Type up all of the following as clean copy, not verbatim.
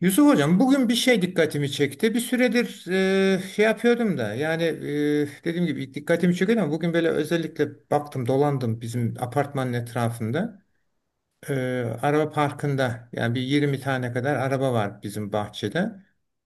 Yusuf Hocam bugün bir şey dikkatimi çekti. Bir süredir şey yapıyordum da yani dediğim gibi ilk dikkatimi çekiyordu ama bugün böyle özellikle baktım dolandım bizim apartmanın etrafında. E, Araba parkında yani bir 20 tane kadar araba var bizim bahçede.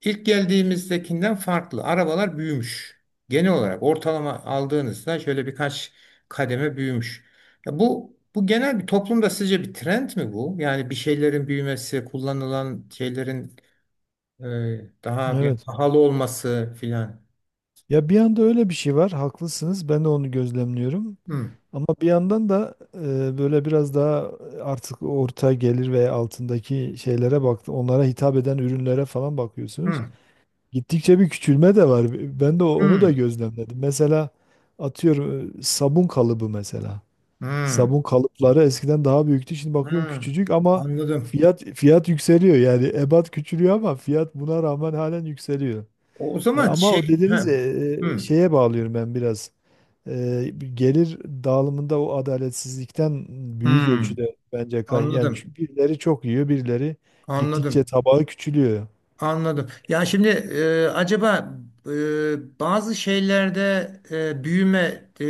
İlk geldiğimizdekinden farklı arabalar büyümüş. Genel olarak ortalama aldığınızda şöyle birkaç kademe büyümüş. Ya bu genel bir toplumda sizce bir trend mi bu? Yani bir şeylerin büyümesi, kullanılan şeylerin daha bir Evet. pahalı olması filan. Ya bir yanda öyle bir şey var. Haklısınız. Ben de onu gözlemliyorum. Hmm. Ama bir yandan da böyle biraz daha artık orta gelir ve altındaki şeylere baktı, onlara hitap eden ürünlere falan bakıyorsunuz. Hmm. Gittikçe bir küçülme de var. Ben de onu da Hmm. gözlemledim. Mesela atıyorum, sabun kalıbı mesela. Hmm. Sabun kalıpları eskiden daha büyüktü. Şimdi bakıyorum Hmm. küçücük ama Anladım. fiyat yükseliyor. Yani ebat küçülüyor ama fiyat buna rağmen halen yükseliyor. O zaman Ama o şey, he, dediğiniz hmm. şeye bağlıyorum ben biraz. Gelir dağılımında o adaletsizlikten büyük Hmm. ölçüde bence kay, yani Anladım, çünkü birileri çok yiyor, birileri gittikçe anladım. tabağı küçülüyor. Anladım. Ya şimdi acaba bazı şeylerde büyüme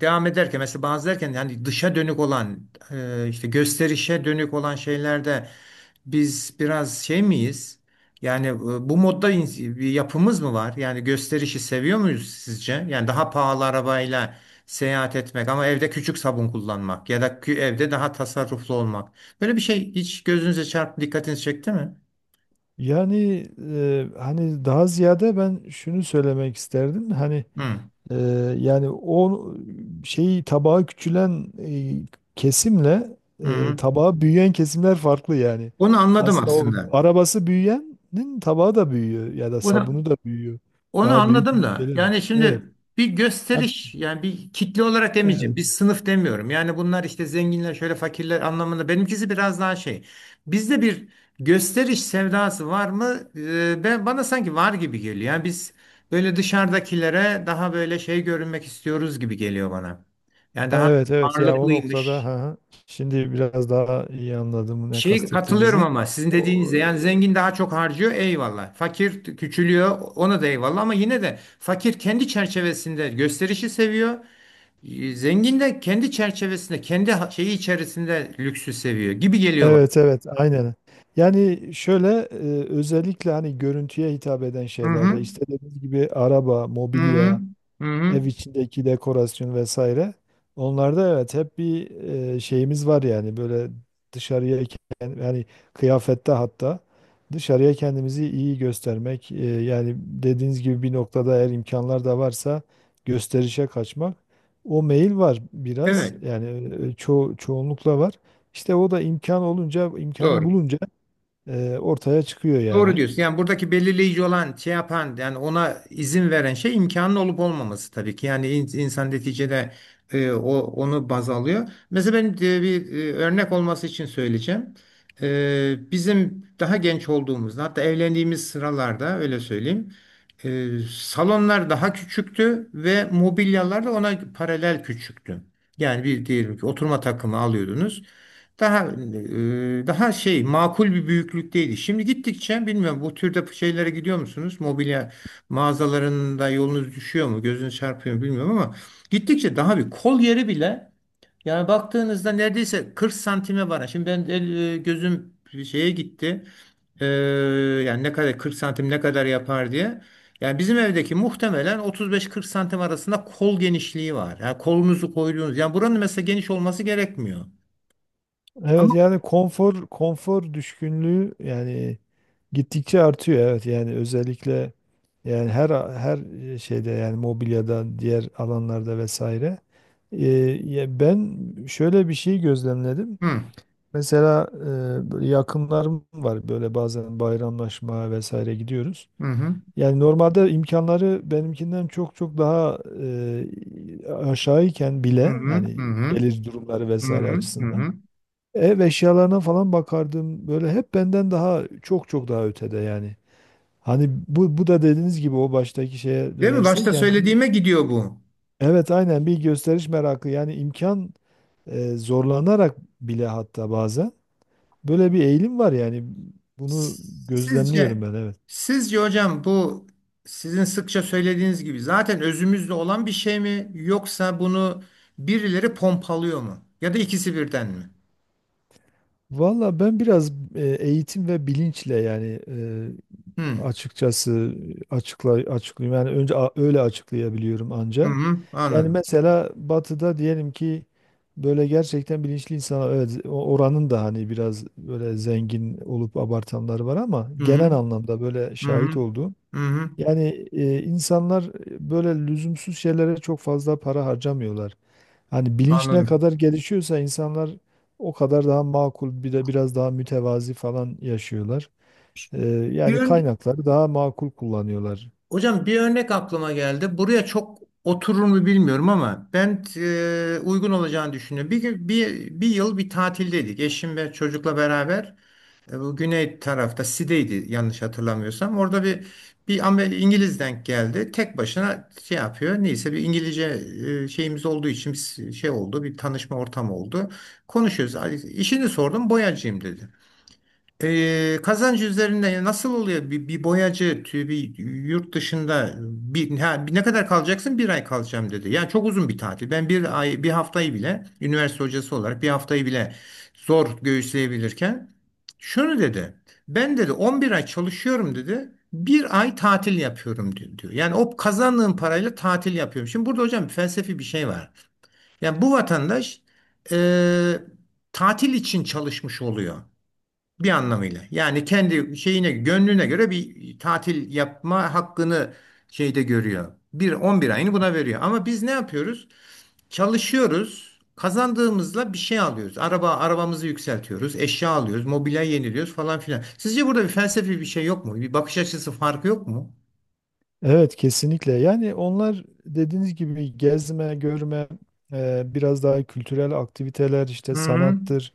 devam ederken mesela bazı derken yani dışa dönük olan işte gösterişe dönük olan şeylerde biz biraz şey miyiz? Yani bu modda bir yapımız mı var? Yani gösterişi seviyor muyuz sizce? Yani daha pahalı arabayla seyahat etmek ama evde küçük sabun kullanmak ya da evde daha tasarruflu olmak. Böyle bir şey hiç gözünüze çarptı, dikkatinizi çekti mi? Yani, hani daha ziyade ben şunu söylemek isterdim. Hı. Ee, Yani o şeyi, tabağı küçülen kesimle, Hı. tabağı büyüyen kesimler farklı yani. Onu anladım Aslında o aslında. arabası büyüyenin tabağı da büyüyor ya da Onu, sabunu da büyüyor. onu Daha büyük anladım büyük da gelir. yani Evet. şimdi bir Hat- gösteriş yani bir kitle olarak demeyeceğim. Bir evet. sınıf demiyorum. Yani bunlar işte zenginler şöyle fakirler anlamında. Benimkisi biraz daha şey. Bizde bir gösteriş sevdası var mı? Ben bana sanki var gibi geliyor. Yani biz böyle dışarıdakilere daha böyle şey görünmek istiyoruz gibi geliyor bana. Yani Ha, daha evet, evet, ya o noktada, ha, varlıklıymış. ha. Şimdi biraz daha iyi anladım ne Şey katılıyorum kastettiğinizi. ama sizin dediğinizde yani zengin daha çok harcıyor eyvallah. Fakir küçülüyor ona da eyvallah ama yine de fakir kendi çerçevesinde gösterişi seviyor. Zengin de kendi çerçevesinde kendi şeyi içerisinde lüksü seviyor gibi geliyor bana. Evet, evet, aynen. Yani şöyle, özellikle hani görüntüye hitap eden Hı hı. şeylerde işte dediğiniz gibi araba, Hı hı. mobilya, Hı hı. ev içindeki dekorasyon vesaire. Onlarda evet, hep bir şeyimiz var yani, böyle dışarıya yani kıyafette hatta dışarıya kendimizi iyi göstermek, yani dediğiniz gibi bir noktada eğer imkanlar da varsa gösterişe kaçmak. O meyil var biraz Evet. yani, e, ço çoğunlukla var. İşte o da imkan olunca, imkanı Doğru. bulunca ortaya çıkıyor Doğru yani. diyorsun. Yani buradaki belirleyici olan şey yapan yani ona izin veren şey imkanın olup olmaması tabii ki. Yani insan neticede onu baz alıyor. Mesela ben bir örnek olması için söyleyeceğim. Bizim daha genç olduğumuzda hatta evlendiğimiz sıralarda öyle söyleyeyim. Salonlar daha küçüktü ve mobilyalar da ona paralel küçüktü. Yani bir diyelim ki oturma takımı alıyordunuz. Daha daha şey makul bir büyüklükteydi. Şimdi gittikçe bilmiyorum bu türde şeylere gidiyor musunuz? Mobilya mağazalarında yolunuz düşüyor mu? Gözünüz çarpıyor mu bilmiyorum ama gittikçe daha bir kol yeri bile yani baktığınızda neredeyse 40 santime var. Şimdi ben el, gözüm şeye gitti. E, Yani ne kadar 40 santim ne kadar yapar diye. Yani bizim evdeki muhtemelen 35-40 santim arasında kol genişliği var. Yani kolunuzu koyduğunuz. Yani buranın mesela geniş olması gerekmiyor. Evet Ama yani konfor, düşkünlüğü yani. Gittikçe artıyor, evet, yani özellikle, yani her şeyde yani, mobilyada, diğer alanlarda vesaire. Ee, Ya ben şöyle bir şey gözlemledim. hı. Mesela böyle yakınlarım var, böyle bazen bayramlaşma vesaire gidiyoruz. Hı hı, Yani normalde imkanları benimkinden çok çok daha aşağıyken hı bile hı, yani, hı hı, gelir durumları hı vesaire hı, hı açısından, hı. ev eşyalarına falan bakardım böyle, hep benden daha çok çok daha ötede yani. Hani bu da dediğiniz gibi o baştaki şeye Değil mi? Başta dönersek, yani bir, söylediğime gidiyor bu. evet aynen, bir gösteriş merakı yani, imkan zorlanarak bile hatta bazen böyle bir eğilim var yani, bunu gözlemliyorum Sizce, ben, evet. sizce hocam bu sizin sıkça söylediğiniz gibi zaten özümüzde olan bir şey mi yoksa bunu birileri pompalıyor mu? Ya da ikisi birden mi? Valla ben biraz eğitim ve bilinçle yani Hı açıkçası açıklayayım yani, önce öyle açıklayabiliyorum hı, anca. hı, Yani anladım. mesela batıda diyelim ki, böyle gerçekten bilinçli insanlar, evet oranın da hani biraz böyle zengin olup abartanlar var ama, Hı genel hı, anlamda böyle hı şahit hı, olduğum, hı hı, yani insanlar böyle lüzumsuz şeylere çok fazla para harcamıyorlar. Hani bilinç ne anladım. kadar gelişiyorsa, insanlar o kadar daha makul, bir de biraz daha mütevazi falan yaşıyorlar. E, Bir, Yani ön- kaynakları daha makul kullanıyorlar. Hocam bir örnek aklıma geldi. Buraya çok oturur mu bilmiyorum ama ben uygun olacağını düşünüyorum. Bir yıl bir tatildeydik. Eşim ve çocukla beraber bu güney tarafta Side'ydi yanlış hatırlamıyorsam. Orada bir İngiliz denk geldi. Tek başına şey yapıyor. Neyse bir İngilizce şeyimiz olduğu için biz şey oldu. Bir tanışma ortamı oldu. Konuşuyoruz. "Ay, İşini sordum. Boyacıyım dedi. Kazancı üzerinde nasıl oluyor? Bir boyacı bir yurt dışında bir, ha, bir- ne kadar kalacaksın? Bir ay kalacağım dedi. Yani çok uzun bir tatil. Ben bir ay, bir haftayı bile üniversite hocası olarak bir haftayı bile zor göğüsleyebilirken şunu dedi. Ben dedi 11 ay çalışıyorum dedi. Bir ay tatil yapıyorum diyor. Yani o kazandığım parayla tatil yapıyorum. Şimdi burada hocam felsefi bir şey var. Yani bu vatandaş e, tatil için çalışmış oluyor. Bir anlamıyla. Yani kendi şeyine, gönlüne göre bir tatil yapma hakkını şeyde görüyor. Bir 11 ayını buna veriyor. Ama biz ne yapıyoruz? Çalışıyoruz. Kazandığımızla bir şey alıyoruz. Araba, arabamızı yükseltiyoruz. Eşya alıyoruz. Mobilya yeniliyoruz falan filan. Sizce burada bir felsefi bir şey yok mu? Bir bakış açısı farkı yok mu? Evet kesinlikle. Yani onlar dediğiniz gibi gezme, görme, biraz daha kültürel aktiviteler, işte Hı hı. sanattır,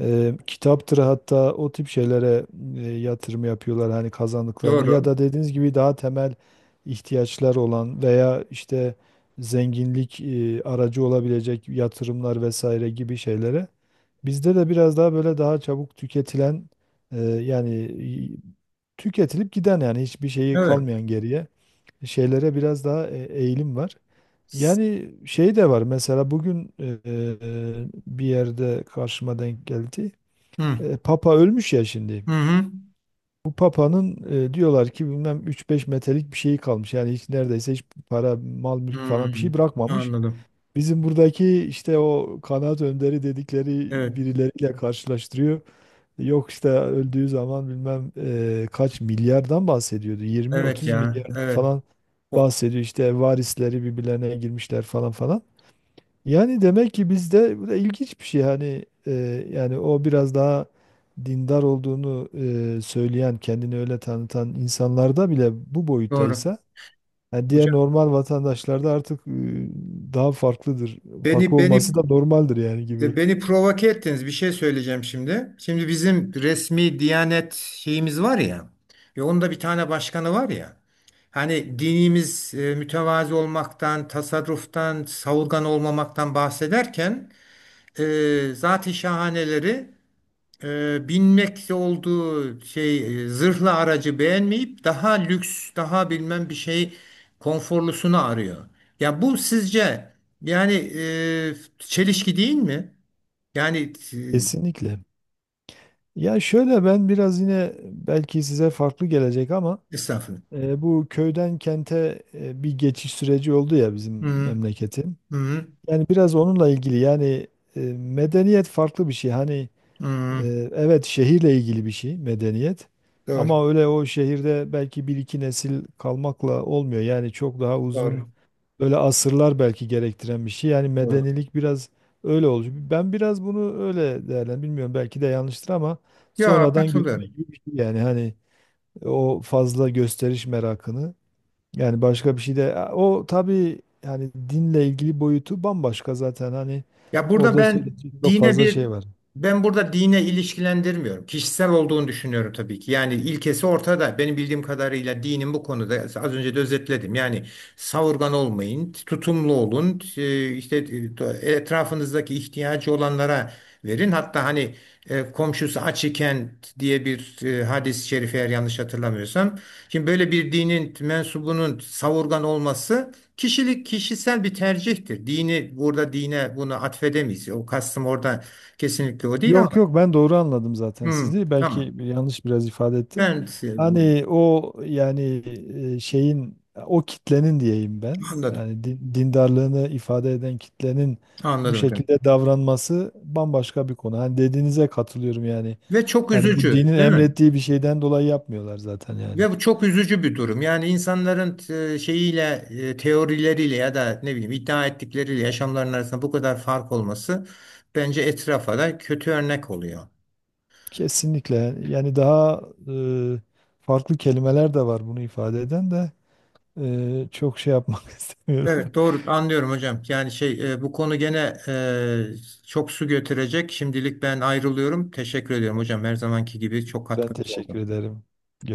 kitaptır, hatta o tip şeylere yatırım yapıyorlar hani kazandıklarını, ya Doğru. da dediğiniz gibi daha temel ihtiyaçlar olan, veya işte zenginlik aracı olabilecek yatırımlar vesaire gibi şeylere. Bizde de biraz daha böyle, daha çabuk tüketilen yani tüketilip giden, yani hiçbir şeyi Evet. kalmayan geriye, şeylere biraz daha eğilim var. Yani şey de var, mesela bugün bir yerde karşıma denk geldi. Hı Papa ölmüş ya şimdi. hı. Bu Papa'nın diyorlar ki bilmem üç beş metrelik bir şeyi kalmış. Yani hiç, neredeyse hiç para, mal, Hı. mülk falan bir Hı. şey bırakmamış. Anladım. Bizim buradaki işte o kanaat önderi dedikleri Evet. birileriyle karşılaştırıyor. Yok işte öldüğü zaman bilmem kaç milyardan bahsediyordu. Evet 20-30 ya. milyardan Evet. falan O, bahsediyor. İşte varisleri birbirlerine girmişler falan falan. Yani demek ki bizde bu da ilginç bir şey. Hani yani o biraz daha dindar olduğunu, söyleyen, kendini öyle tanıtan insanlarda bile bu doğru. boyuttaysa, yani diğer Hocam normal vatandaşlarda artık daha farklıdır. beni Farklı beni olması da normaldir yani, gibi. beni provoke ettiniz. Bir şey söyleyeceğim şimdi. Şimdi bizim resmi Diyanet şeyimiz var ya. Ve onun da bir tane başkanı var ya. Hani dinimiz mütevazi olmaktan, tasarruftan, savurgan olmamaktan bahsederken e, zat-ı şahaneleri binmekte olduğu şey zırhlı aracı beğenmeyip daha lüks, daha bilmem bir şey konforlusunu arıyor. Ya bu sizce yani çelişki değil mi? Yani e, Kesinlikle. Ya şöyle, ben biraz yine belki size farklı gelecek ama estağfurullah. Bu köyden kente bir geçiş süreci oldu ya Hı bizim hı, memleketin. hı Yani biraz onunla ilgili yani, medeniyet farklı bir şey. Hani hı. Hı. e, evet, şehirle ilgili bir şey medeniyet. Doğru, Ama öyle o şehirde belki bir iki nesil kalmakla olmuyor. Yani çok daha uzun, doğru, böyle asırlar belki gerektiren bir şey. Yani doğru. medenilik biraz öyle oluyor. Ben biraz bunu öyle değerlendim. Bilmiyorum, belki de yanlıştır ama, Ya sonradan görme katılıyorum. gibi bir şey yani, hani o fazla gösteriş merakını, yani başka bir şey de o tabii, yani dinle ilgili boyutu bambaşka zaten, hani Ya burada orada söyleyecek çok dine fazla bir şey var. ben burada dine ilişkilendirmiyorum. Kişisel olduğunu düşünüyorum tabii ki. Yani ilkesi ortada. Benim bildiğim kadarıyla dinin bu konuda az önce de özetledim. Yani savurgan olmayın, tutumlu olun. İşte etrafınızdaki ihtiyacı olanlara verin. Hatta hani komşusu aç iken diye bir hadis-i şerif eğer yanlış hatırlamıyorsam. Şimdi böyle bir dinin mensubunun savurgan olması kişilik kişisel bir tercihtir. Dini burada dine bunu atfedemeyiz. O kastım orada kesinlikle o değil Yok ama yok, ben doğru anladım zaten hmm, sizi. Belki tamam. yanlış biraz ifade ettim. Ben seviyorum. Hani o yani şeyin, o kitlenin diyeyim ben. Anladım. Yani dindarlığını ifade eden kitlenin bu Anladım hocam. şekilde davranması bambaşka bir konu. Hani dediğinize katılıyorum yani. Ve çok Yani bu üzücü, dinin değil mi? emrettiği bir şeyden dolayı yapmıyorlar zaten yani. Ve bu çok üzücü bir durum. Yani insanların şeyiyle, teorileriyle ya da ne bileyim iddia ettikleriyle yaşamların arasında bu kadar fark olması bence etrafa da kötü örnek oluyor. Kesinlikle. Yani daha e, farklı kelimeler de var bunu ifade eden de, çok şey yapmak istemiyorum. Evet doğru anlıyorum hocam. Yani şey bu konu gene çok su götürecek. Şimdilik ben ayrılıyorum. Teşekkür ediyorum hocam. Her zamanki gibi çok Ben katkınız teşekkür oldu. ederim.